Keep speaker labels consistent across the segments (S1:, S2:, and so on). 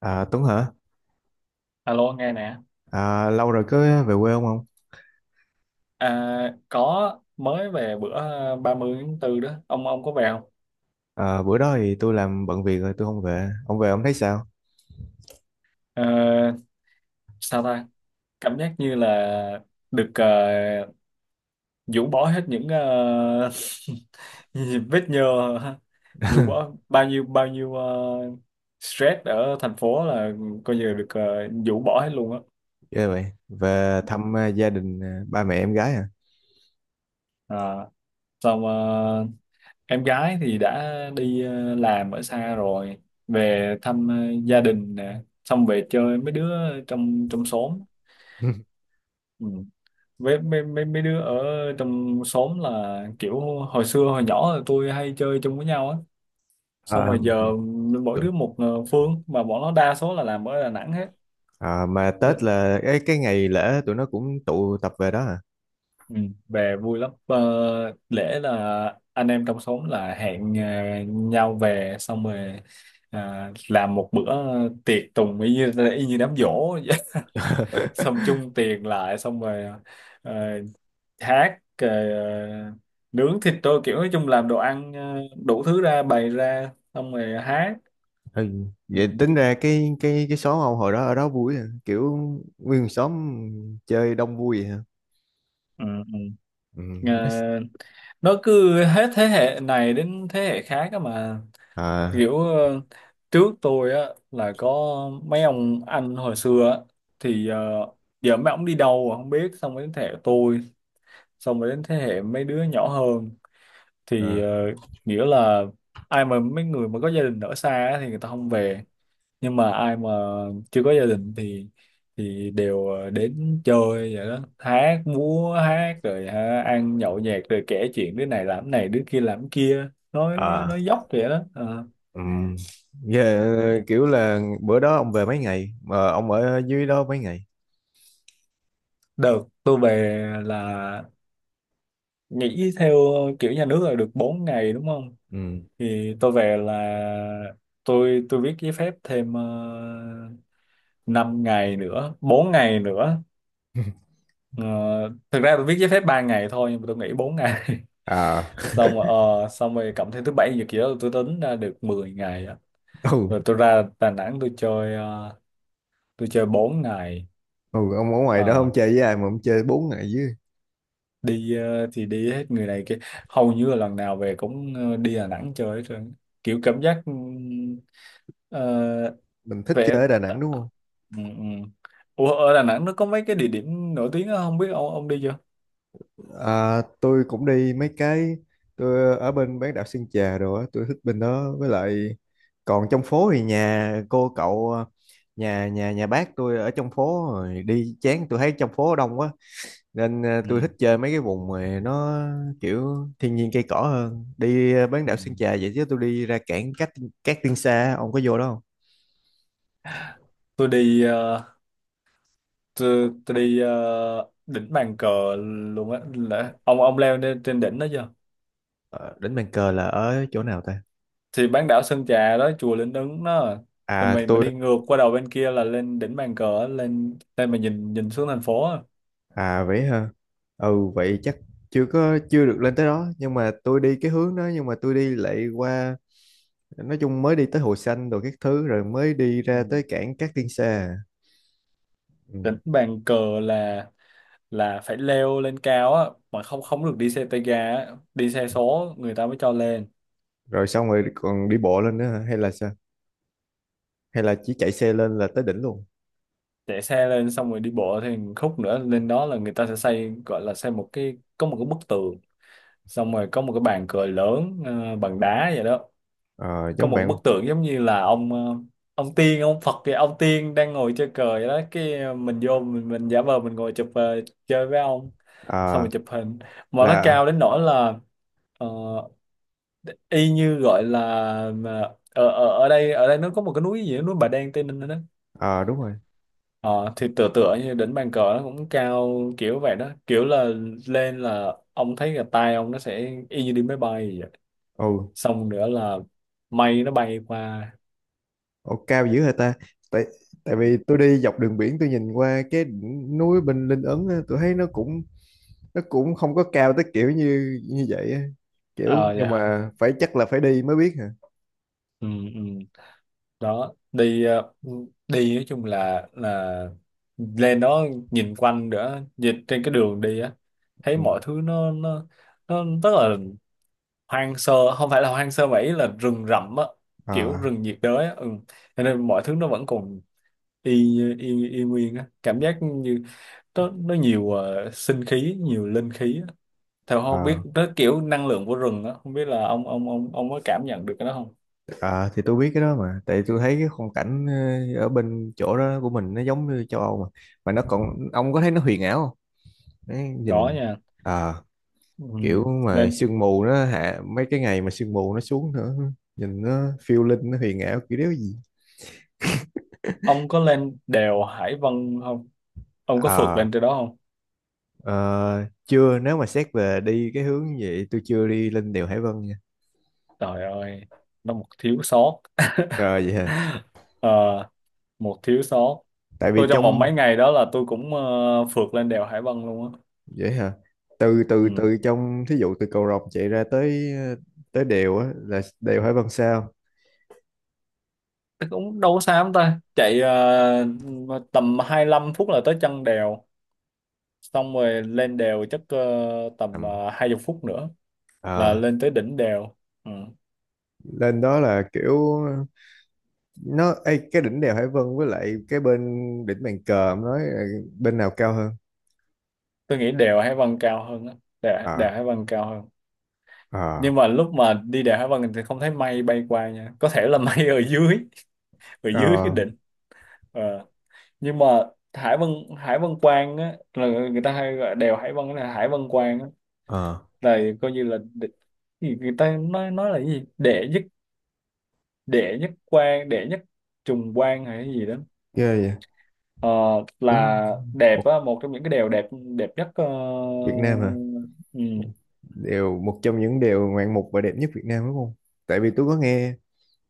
S1: À, Tuấn hả?
S2: Alo nghe nè.
S1: À, lâu rồi có về quê ông không?
S2: Có mới về bữa 30 tháng 4 đó, ông có về không?
S1: À, bữa đó thì tôi làm bận việc rồi tôi không về. Ông về ông thấy sao?
S2: Ờ, Sao ta, cảm giác như là được rũ bỏ hết những vết nhơ, rũ bỏ bao nhiêu stress ở thành phố, là coi như là được rũ bỏ hết luôn á.
S1: Ghê vậy. Về thăm à, gia đình à, ba mẹ em gái à?
S2: à, Xong em gái thì đã đi làm ở xa rồi, về thăm gia đình nè, xong về chơi mấy đứa trong trong xóm. Ừ. Với mấy, mấy mấy đứa ở trong xóm là kiểu hồi xưa hồi nhỏ là tôi hay chơi chung với nhau á, xong
S1: À,
S2: rồi giờ mỗi
S1: tụi-
S2: đứa một phương, mà bọn nó đa số là làm ở Đà Nẵng hết.
S1: à, mà Tết là cái ngày lễ tụi nó cũng tụ tập về đó à?
S2: Ừ, về vui lắm. Ờ, Lễ là anh em trong xóm là hẹn nhau về, xong rồi làm một bữa tiệc tùng y như đám giỗ vậy. Xong chung tiền lại, xong rồi ờ, hát, nướng thịt, tôi kiểu nói chung làm đồ ăn đủ thứ ra, bày ra xong rồi hát.
S1: Ừ. Vậy
S2: Ừ,
S1: tính ra cái xóm ông hồi đó ở đó vui à? Kiểu nguyên xóm chơi đông vui vậy hả?
S2: ừ, ừ.
S1: Ừ. Mess.
S2: Ờ, nó cứ hết thế hệ này đến thế hệ khác á mà,
S1: À,
S2: kiểu trước tôi á là có mấy ông anh hồi xưa á, thì giờ mấy ông đi đâu rồi không biết, xong rồi đến thế hệ tôi, xong rồi đến thế hệ mấy đứa nhỏ hơn, thì
S1: à,
S2: ờ, nghĩa là ai mà mấy người mà có gia đình ở xa á thì người ta không về, nhưng mà ai mà chưa có gia đình thì đều đến chơi vậy đó, hát múa hát rồi ha, ăn nhậu nhẹt rồi kể chuyện đứa này làm cái này, đứa kia làm cái kia,
S1: à.
S2: nói dốc vậy đó. Ờ.
S1: Ừm,
S2: Ừ.
S1: yeah, kiểu là bữa đó ông về mấy ngày mà ông ở dưới đó mấy ngày?
S2: Được, tôi về là nghỉ theo kiểu nhà nước là được 4 ngày đúng không?
S1: Ừ.
S2: Thì tôi về là tôi viết giấy phép thêm 5 ngày nữa, 4 ngày nữa. Ờ, thực ra tôi viết giấy phép 3 ngày thôi nhưng mà tôi nghỉ 4 ngày.
S1: À.
S2: Xong rồi, xong rồi cộng thêm thứ bảy nhật gì đó tôi tính ra được 10 ngày á.
S1: Ừ.
S2: Rồi tôi ra Đà Nẵng tôi chơi tôi chơi 4 ngày.
S1: Ừ, ông ở ngoài đó ông
S2: Ờ.
S1: chơi với ai mà ông chơi 4 ngày dưới?
S2: Đi thì đi hết người này kia, hầu như là lần nào về cũng đi Đà Nẵng chơi hết trơn, kiểu cảm giác ờ,
S1: Mình thích
S2: về.
S1: chơi ở Đà Nẵng đúng không?
S2: Ừ, ừ. Ủa, ở Đà Nẵng nó có mấy cái địa điểm nổi tiếng đó, không biết ông đi chưa?
S1: À, tôi cũng đi mấy cái. Tôi ở bên bán đảo Sơn Trà rồi á, tôi thích bên đó với lại còn trong phố thì nhà cô cậu à, nhà nhà nhà bác tôi ở trong phố rồi đi chán, tôi thấy trong phố đông quá nên
S2: Ừ,
S1: tôi thích chơi mấy cái vùng mà nó kiểu thiên nhiên cây cỏ hơn, đi bán
S2: ừ.
S1: đảo Sơn Trà vậy chứ tôi đi ra cảng Cát Cát Tiên Sa ông có vô đó không?
S2: Tôi đi tôi đi đỉnh Bàn Cờ luôn á. Là- ông leo lên trên đỉnh đó chưa?
S1: Ờ, Đỉnh Bàn Cờ là ở chỗ nào ta?
S2: Thì bán đảo Sơn Trà đó, chùa Linh Ứng đó, rồi
S1: À,
S2: mình mà
S1: tôi.
S2: đi ngược qua đầu bên kia là lên đỉnh Bàn Cờ á, lên lên mà nhìn nhìn xuống thành phố á.
S1: À, vậy hả? Ừ. Vậy chắc chưa có chưa được lên tới đó, nhưng mà tôi đi cái hướng đó nhưng mà tôi đi lại qua, nói chung mới đi tới Hồ Xanh rồi các thứ rồi mới đi ra tới cảng Cát Tiên Sa. Ừ.
S2: Đánh bàn cờ là là phải leo lên cao á, mà không không được đi xe tay ga á. Đi xe số người ta mới cho lên.
S1: Rồi xong rồi còn đi bộ lên nữa hả? Hay là sao? Hay là chỉ chạy xe lên là tới đỉnh luôn?
S2: Chạy xe lên xong rồi đi bộ thì khúc nữa lên đó, là người ta sẽ xây, gọi là xây một cái, có một cái bức tường, xong rồi có một cái bàn cờ lớn bằng đá vậy đó.
S1: Ờ,
S2: Có
S1: giống
S2: một bức
S1: bạn.
S2: tượng giống như là ông ông tiên ông Phật kìa, ông tiên đang ngồi chơi cờ vậy đó, cái mình vô mình giả vờ mình ngồi chụp chơi với ông, xong rồi
S1: Ờ,
S2: chụp hình. Mà nó
S1: là
S2: cao đến nỗi là ờ, y như gọi là, mà ở ở ở đây nó có một cái núi gì đó, núi Bà Đen Tây Ninh đó.
S1: ờ, đúng rồi.
S2: Ờ, thì tựa tựa như đỉnh bàn cờ nó cũng cao kiểu vậy đó, kiểu là lên là ông thấy là tay ông nó sẽ y như đi máy bay vậy.
S1: Ừ.
S2: Xong nữa là mây nó bay qua.
S1: Ồ, cao dữ hả ta? Tại, tại vì tôi đi dọc đường biển tôi nhìn qua cái đỉnh núi bên Linh Ấn á, tôi thấy nó cũng không có cao tới kiểu như như vậy á.
S2: Ờ
S1: Kiểu
S2: vậy
S1: nhưng
S2: hả.
S1: mà phải chắc là phải đi mới biết hả?
S2: Ừ, ừ. Đó đi đi nói chung là lên đó nhìn quanh nữa, nhìn trên cái đường đi á, thấy
S1: Ừ.
S2: mọi thứ nó nó rất là hoang sơ, không phải là hoang sơ mà ý là rừng rậm á, kiểu
S1: Ờ,
S2: rừng nhiệt đới á. Ừ. Cho nên mọi thứ nó vẫn còn y y nguyên á, cảm giác như nó nhiều sinh khí, nhiều linh khí á theo, không biết
S1: ờ,
S2: nó kiểu năng lượng của rừng á, không biết là ông có cảm nhận được cái đó không?
S1: ờ, thì tôi biết cái đó mà tại tôi thấy cái khung cảnh ở bên chỗ đó của mình nó giống như châu Âu mà nó còn, ông có thấy nó huyền ảo không? Đấy,
S2: Có
S1: nhìn
S2: nha.
S1: ờ,
S2: Ừ.
S1: kiểu mà
S2: lên
S1: sương mù nó hạ, mấy cái ngày mà sương mù nó xuống nữa nhìn nó phiêu linh, nó huyền ảo kiểu đéo gì.
S2: ông có lên đèo Hải Vân không, ông có phượt
S1: ờ
S2: lên trên đó không?
S1: ờ, chưa, nếu mà xét về đi cái hướng như vậy tôi chưa đi lên đèo Hải Vân nha.
S2: Trời ơi, nó một thiếu sót.
S1: Rồi vậy hả?
S2: Ờ, một thiếu sót.
S1: Tại vì
S2: Tôi trong vòng
S1: trong
S2: mấy ngày đó là tôi cũng phượt lên đèo Hải Vân luôn á.
S1: vậy hả từ từ
S2: Ừ.
S1: từ trong thí dụ từ cầu Rồng chạy ra tới tới đèo á là đèo Hải Vân sao?
S2: Thế cũng đâu có xa lắm ta, chạy tầm 25 phút là tới chân đèo, xong rồi lên đèo chắc tầm
S1: Ừm.
S2: 20 phút nữa là
S1: ờ
S2: lên tới đỉnh đèo. Ừ.
S1: Lên đó là kiểu nó ê, cái đỉnh đèo Hải Vân với lại cái bên đỉnh bàn cờ ông nói là bên nào cao hơn?
S2: Tôi nghĩ đèo Hải Vân cao hơn á, đèo,
S1: ờ
S2: đèo Hải Vân cao hơn.
S1: ờ
S2: Nhưng mà lúc mà đi đèo Hải Vân thì không thấy mây bay qua nha, có thể là mây ở dưới, ở dưới cái
S1: Ờ.
S2: đỉnh. Ờ. Nhưng mà Hải Vân Hải Vân Quan á, là người ta hay gọi đèo Hải Vân là Hải Vân Quan á,
S1: Ờ.
S2: là coi như là đ- thì người ta nói là cái gì đệ nhất, đệ nhất quan, đệ nhất trùng quan hay cái gì đó.
S1: Ghê vậy.
S2: Ờ,
S1: Đúng
S2: là đẹp
S1: một
S2: á, một trong những cái đèo đẹp, đẹp nhất
S1: Việt Nam hả?
S2: ừ.
S1: Một- Đều một trong những điều ngoạn mục và đẹp nhất Việt Nam đúng không? Tại vì tôi có nghe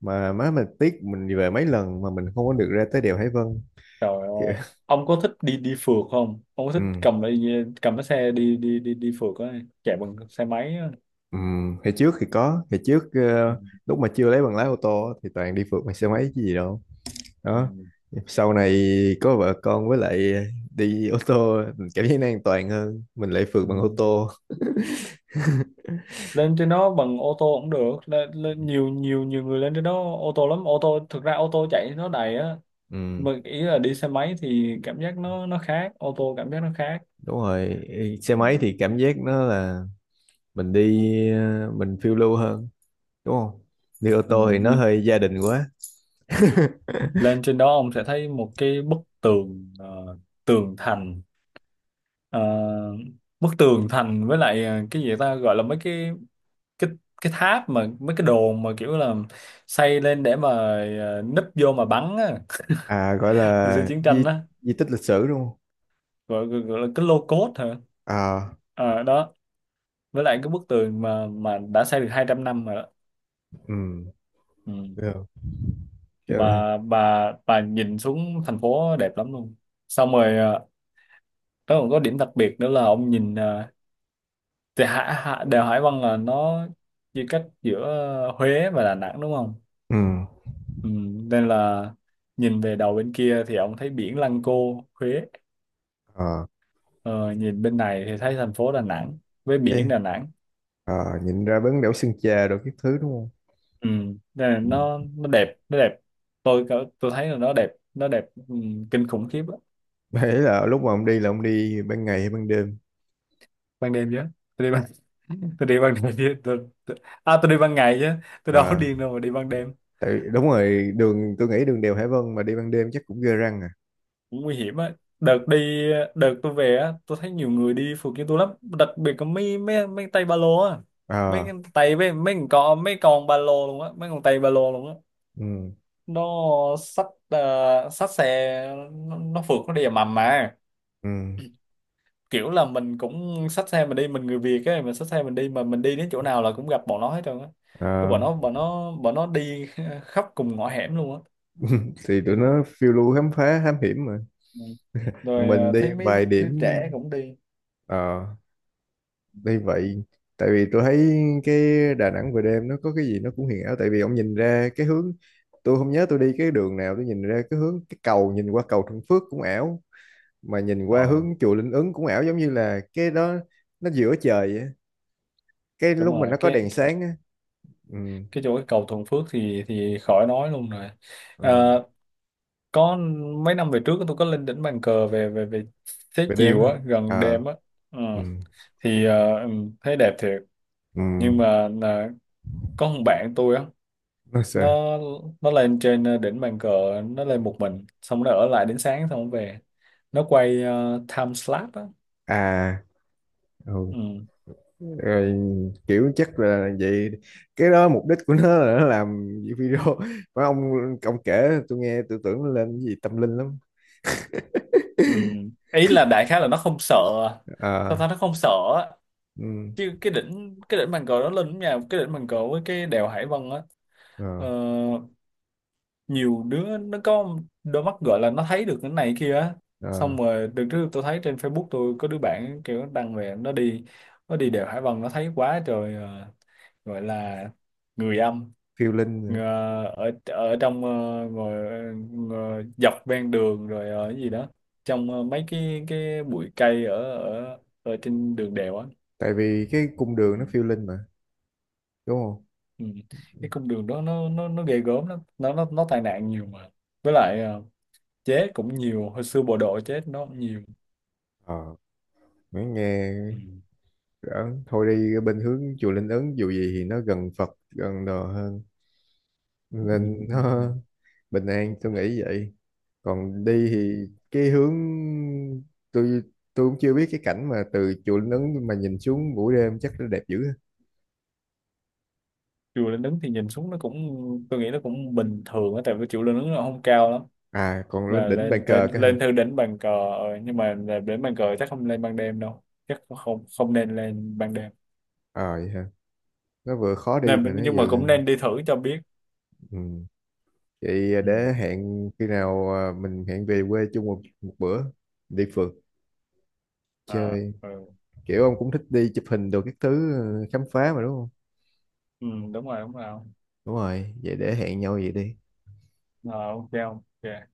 S1: mà má mình tiếc, mình đi về mấy lần mà mình không có được ra tới đèo Hải Vân.
S2: Trời
S1: Kìa.
S2: ơi, ông có thích đi đi phượt không, ông có
S1: Ừ.
S2: thích cầm cái xe đi đi đi đi phượt á, chạy bằng xe máy á?
S1: Ừ. Hồi trước thì có, hồi trước
S2: Ừ,
S1: lúc mà chưa lấy bằng lái ô tô thì toàn đi phượt bằng xe máy chứ gì đâu.
S2: ừ,
S1: Đó. Sau này có vợ con với lại đi ô tô mình cảm thấy nó an toàn hơn, mình lại phượt
S2: ừ.
S1: bằng ô tô.
S2: Lên trên đó bằng ô tô cũng được, lên nhiều nhiều nhiều người lên trên đó ô tô lắm, ô tô thực ra ô tô chạy nó đầy á,
S1: Ừ,
S2: mà ý là đi xe máy thì cảm giác nó khác, ô tô cảm giác nó khác.
S1: đúng rồi, xe
S2: Ừ.
S1: máy thì cảm giác nó là mình đi mình phiêu lưu hơn, đúng không? Đi ô
S2: Ừ.
S1: tô thì nó
S2: L-
S1: hơi gia đình quá.
S2: lên trên đó ông sẽ thấy một cái bức tường tường thành. Ờ, bức tường thành với lại cái gì ta, gọi là mấy cái cái cái tháp, mà mấy cái đồn mà kiểu là xây lên để mà núp vô mà bắn á
S1: À, gọi
S2: hồi xưa
S1: là
S2: chiến tranh
S1: di,
S2: á.
S1: di tích lịch sử đúng không?
S2: Gọi là cái lô cốt hả.
S1: À.
S2: À, đó, với lại cái bức tường mà đã xây được 200 năm rồi đó.
S1: Ừ.
S2: Ừ.
S1: Được. Chứ-
S2: bà nhìn xuống thành phố đẹp lắm luôn, xong rồi nó còn có điểm đặc biệt nữa là ông nhìn thì Hạ, Hạ, đèo Hải Vân là nó chia cách giữa Huế và Đà Nẵng đúng không.
S1: ừ.
S2: Ừ. Nên là nhìn về đầu bên kia thì ông thấy biển Lăng Cô Huế,
S1: À,
S2: ờ, nhìn bên này thì thấy thành phố Đà Nẵng với biển
S1: thế.
S2: Đà Nẵng.
S1: À, nhìn ra bến đảo Sơn Trà rồi các thứ đúng không?
S2: Ừ. Nên là
S1: Ừ.
S2: nó đẹp, nó đẹp. Tôi cỡ- tôi thấy là nó đẹp, nó đẹp, ừ, kinh khủng khiếp á.
S1: Đấy là lúc mà ông đi là ông đi ban ngày hay ban đêm?
S2: Ban đêm chứ, tôi đi ban tôi đi ban đêm chứ tôi, à tôi đi ban ngày chứ, tôi đâu có
S1: À,
S2: điên đâu mà đi ban đêm.
S1: tại đúng rồi, đường tôi nghĩ đường đèo Hải Vân mà đi ban đêm chắc cũng ghê răng à.
S2: Cũng nguy hiểm á. đợt đi Đợt tôi về á tôi thấy nhiều người đi phượt như tôi lắm, đặc biệt có mấy mấy mấy tay ba lô á, mấy cái
S1: À.
S2: tay với mấy con ba lô luôn á, mấy con tay ba lô luôn á.
S1: Ừ.
S2: Nó xách xách xe nó phượt, nó đi ầm ầm mà
S1: Ừ.
S2: kiểu là mình cũng xách xe mình đi, mình người Việt ấy, mình xách xe mình đi mà mình đi đến chỗ nào là cũng gặp bọn nó hết trơn á, cái
S1: À,
S2: bọn nó đi khắp cùng ngõ hẻm luôn á.
S1: thì tụi nó phiêu lưu khám phá thám hiểm mà.
S2: Ừ.
S1: Còn
S2: Rồi
S1: mình đi
S2: thấy mấy
S1: vài điểm.
S2: đứa trẻ cũng đi.
S1: Ờ, đây vậy. Tại vì tôi thấy cái Đà Nẵng về đêm nó có cái gì nó cũng huyền ảo, tại vì ông nhìn ra cái hướng, tôi không nhớ tôi đi cái đường nào, tôi nhìn ra cái hướng cái cầu, nhìn qua cầu Thuận Phước cũng ảo, mà nhìn qua
S2: Ờ
S1: hướng chùa Linh Ứng cũng ảo, giống như là cái đó nó giữa trời vậy. Cái
S2: đúng
S1: lúc mà
S2: rồi,
S1: nó có đèn sáng á. Ừ.
S2: cái chỗ cái cầu Thuận Phước thì khỏi nói luôn rồi.
S1: ờ,
S2: à, có mấy năm về trước tôi có lên đỉnh bàn cờ về về về xế
S1: Về đêm
S2: chiều
S1: á.
S2: á, gần
S1: À.
S2: đêm á. Ừ.
S1: Ừ.
S2: Thì ừ, thấy đẹp thiệt,
S1: Ừ,
S2: nhưng mà là có một bạn tôi á.
S1: nó sao?
S2: nó nó lên trên đỉnh bàn cờ, nó lên một mình xong nó ở lại đến sáng xong nó về, nó quay time slap á.
S1: À. Ừ.
S2: Ừ.
S1: Rồi kiểu chắc là vậy, cái đó mục đích của nó là nó làm video mà, ông kể tôi nghe tôi tưởng nó lên cái gì tâm linh lắm.
S2: Ừ. Ý là đại khái là nó không sợ, sao
S1: À.
S2: ta, nó không sợ á.
S1: Ừ.
S2: Chứ cái đỉnh bàn cờ nó lên nhà, cái đỉnh bàn cờ với cái đèo Hải Vân á, ờ,
S1: À.
S2: nhiều đứa nó có đôi mắt gọi là nó thấy được cái này kia á. Xong
S1: À,
S2: rồi đợt trước tôi thấy trên Facebook tôi có đứa bạn kiểu đăng về nó đi đèo Hải Vân nó thấy quá trời gọi là người âm
S1: phiêu linh
S2: ờ,
S1: nữa.
S2: ở ở trong ngồi dọc ven đường, rồi ở cái gì đó trong mấy cái bụi cây ở ở ở trên đường đèo á.
S1: Tại vì cái cung
S2: Ừ.
S1: đường nó phiêu linh mà, đúng không?
S2: Ừ. Cái cung đường đó nó ghê gớm lắm, nó tai nạn nhiều mà với lại chết cũng nhiều, hồi xưa bộ đội chết nó cũng nhiều.
S1: Ờ, mới nghe
S2: Ừ.
S1: ấn thôi, đi bên hướng chùa Linh Ứng dù gì thì nó gần Phật gần đồ hơn
S2: Ừ. Ừ.
S1: nên
S2: Ừ.
S1: nó bình an tôi nghĩ vậy. Còn đi
S2: Ừ.
S1: thì cái hướng, tôi tôi cũng chưa biết cái cảnh mà từ chùa Linh Ứng mà nhìn xuống buổi đêm chắc nó đẹp dữ ha.
S2: Chùa Linh Ứng thì nhìn xuống nó cũng, tôi nghĩ nó cũng bình thường á, tại vì chùa Linh Ứng nó không cao lắm.
S1: À còn lên
S2: Và
S1: đỉnh bàn
S2: lên lên
S1: cờ cơ hả?
S2: lên thư đến bàn cờ nhưng mà là đến bàn cờ chắc không lên ban đêm đâu, chắc không không nên lên ban đêm.
S1: Ờ, vậy hả? Nó vừa khó đi
S2: Nên
S1: mà nó
S2: nhưng mà
S1: vừa.
S2: cũng nên đi thử cho biết.
S1: Ừ. Vậy
S2: Ừ.
S1: để hẹn khi nào, à, mình hẹn về quê chung một bữa đi phượt
S2: À,
S1: chơi,
S2: ừ.
S1: kiểu ông cũng thích đi chụp hình đồ các thứ, khám phá mà đúng không?
S2: Ừ đúng rồi, đúng rồi.
S1: Đúng rồi, vậy để hẹn nhau vậy đi.
S2: Ờ, ok không? Ok.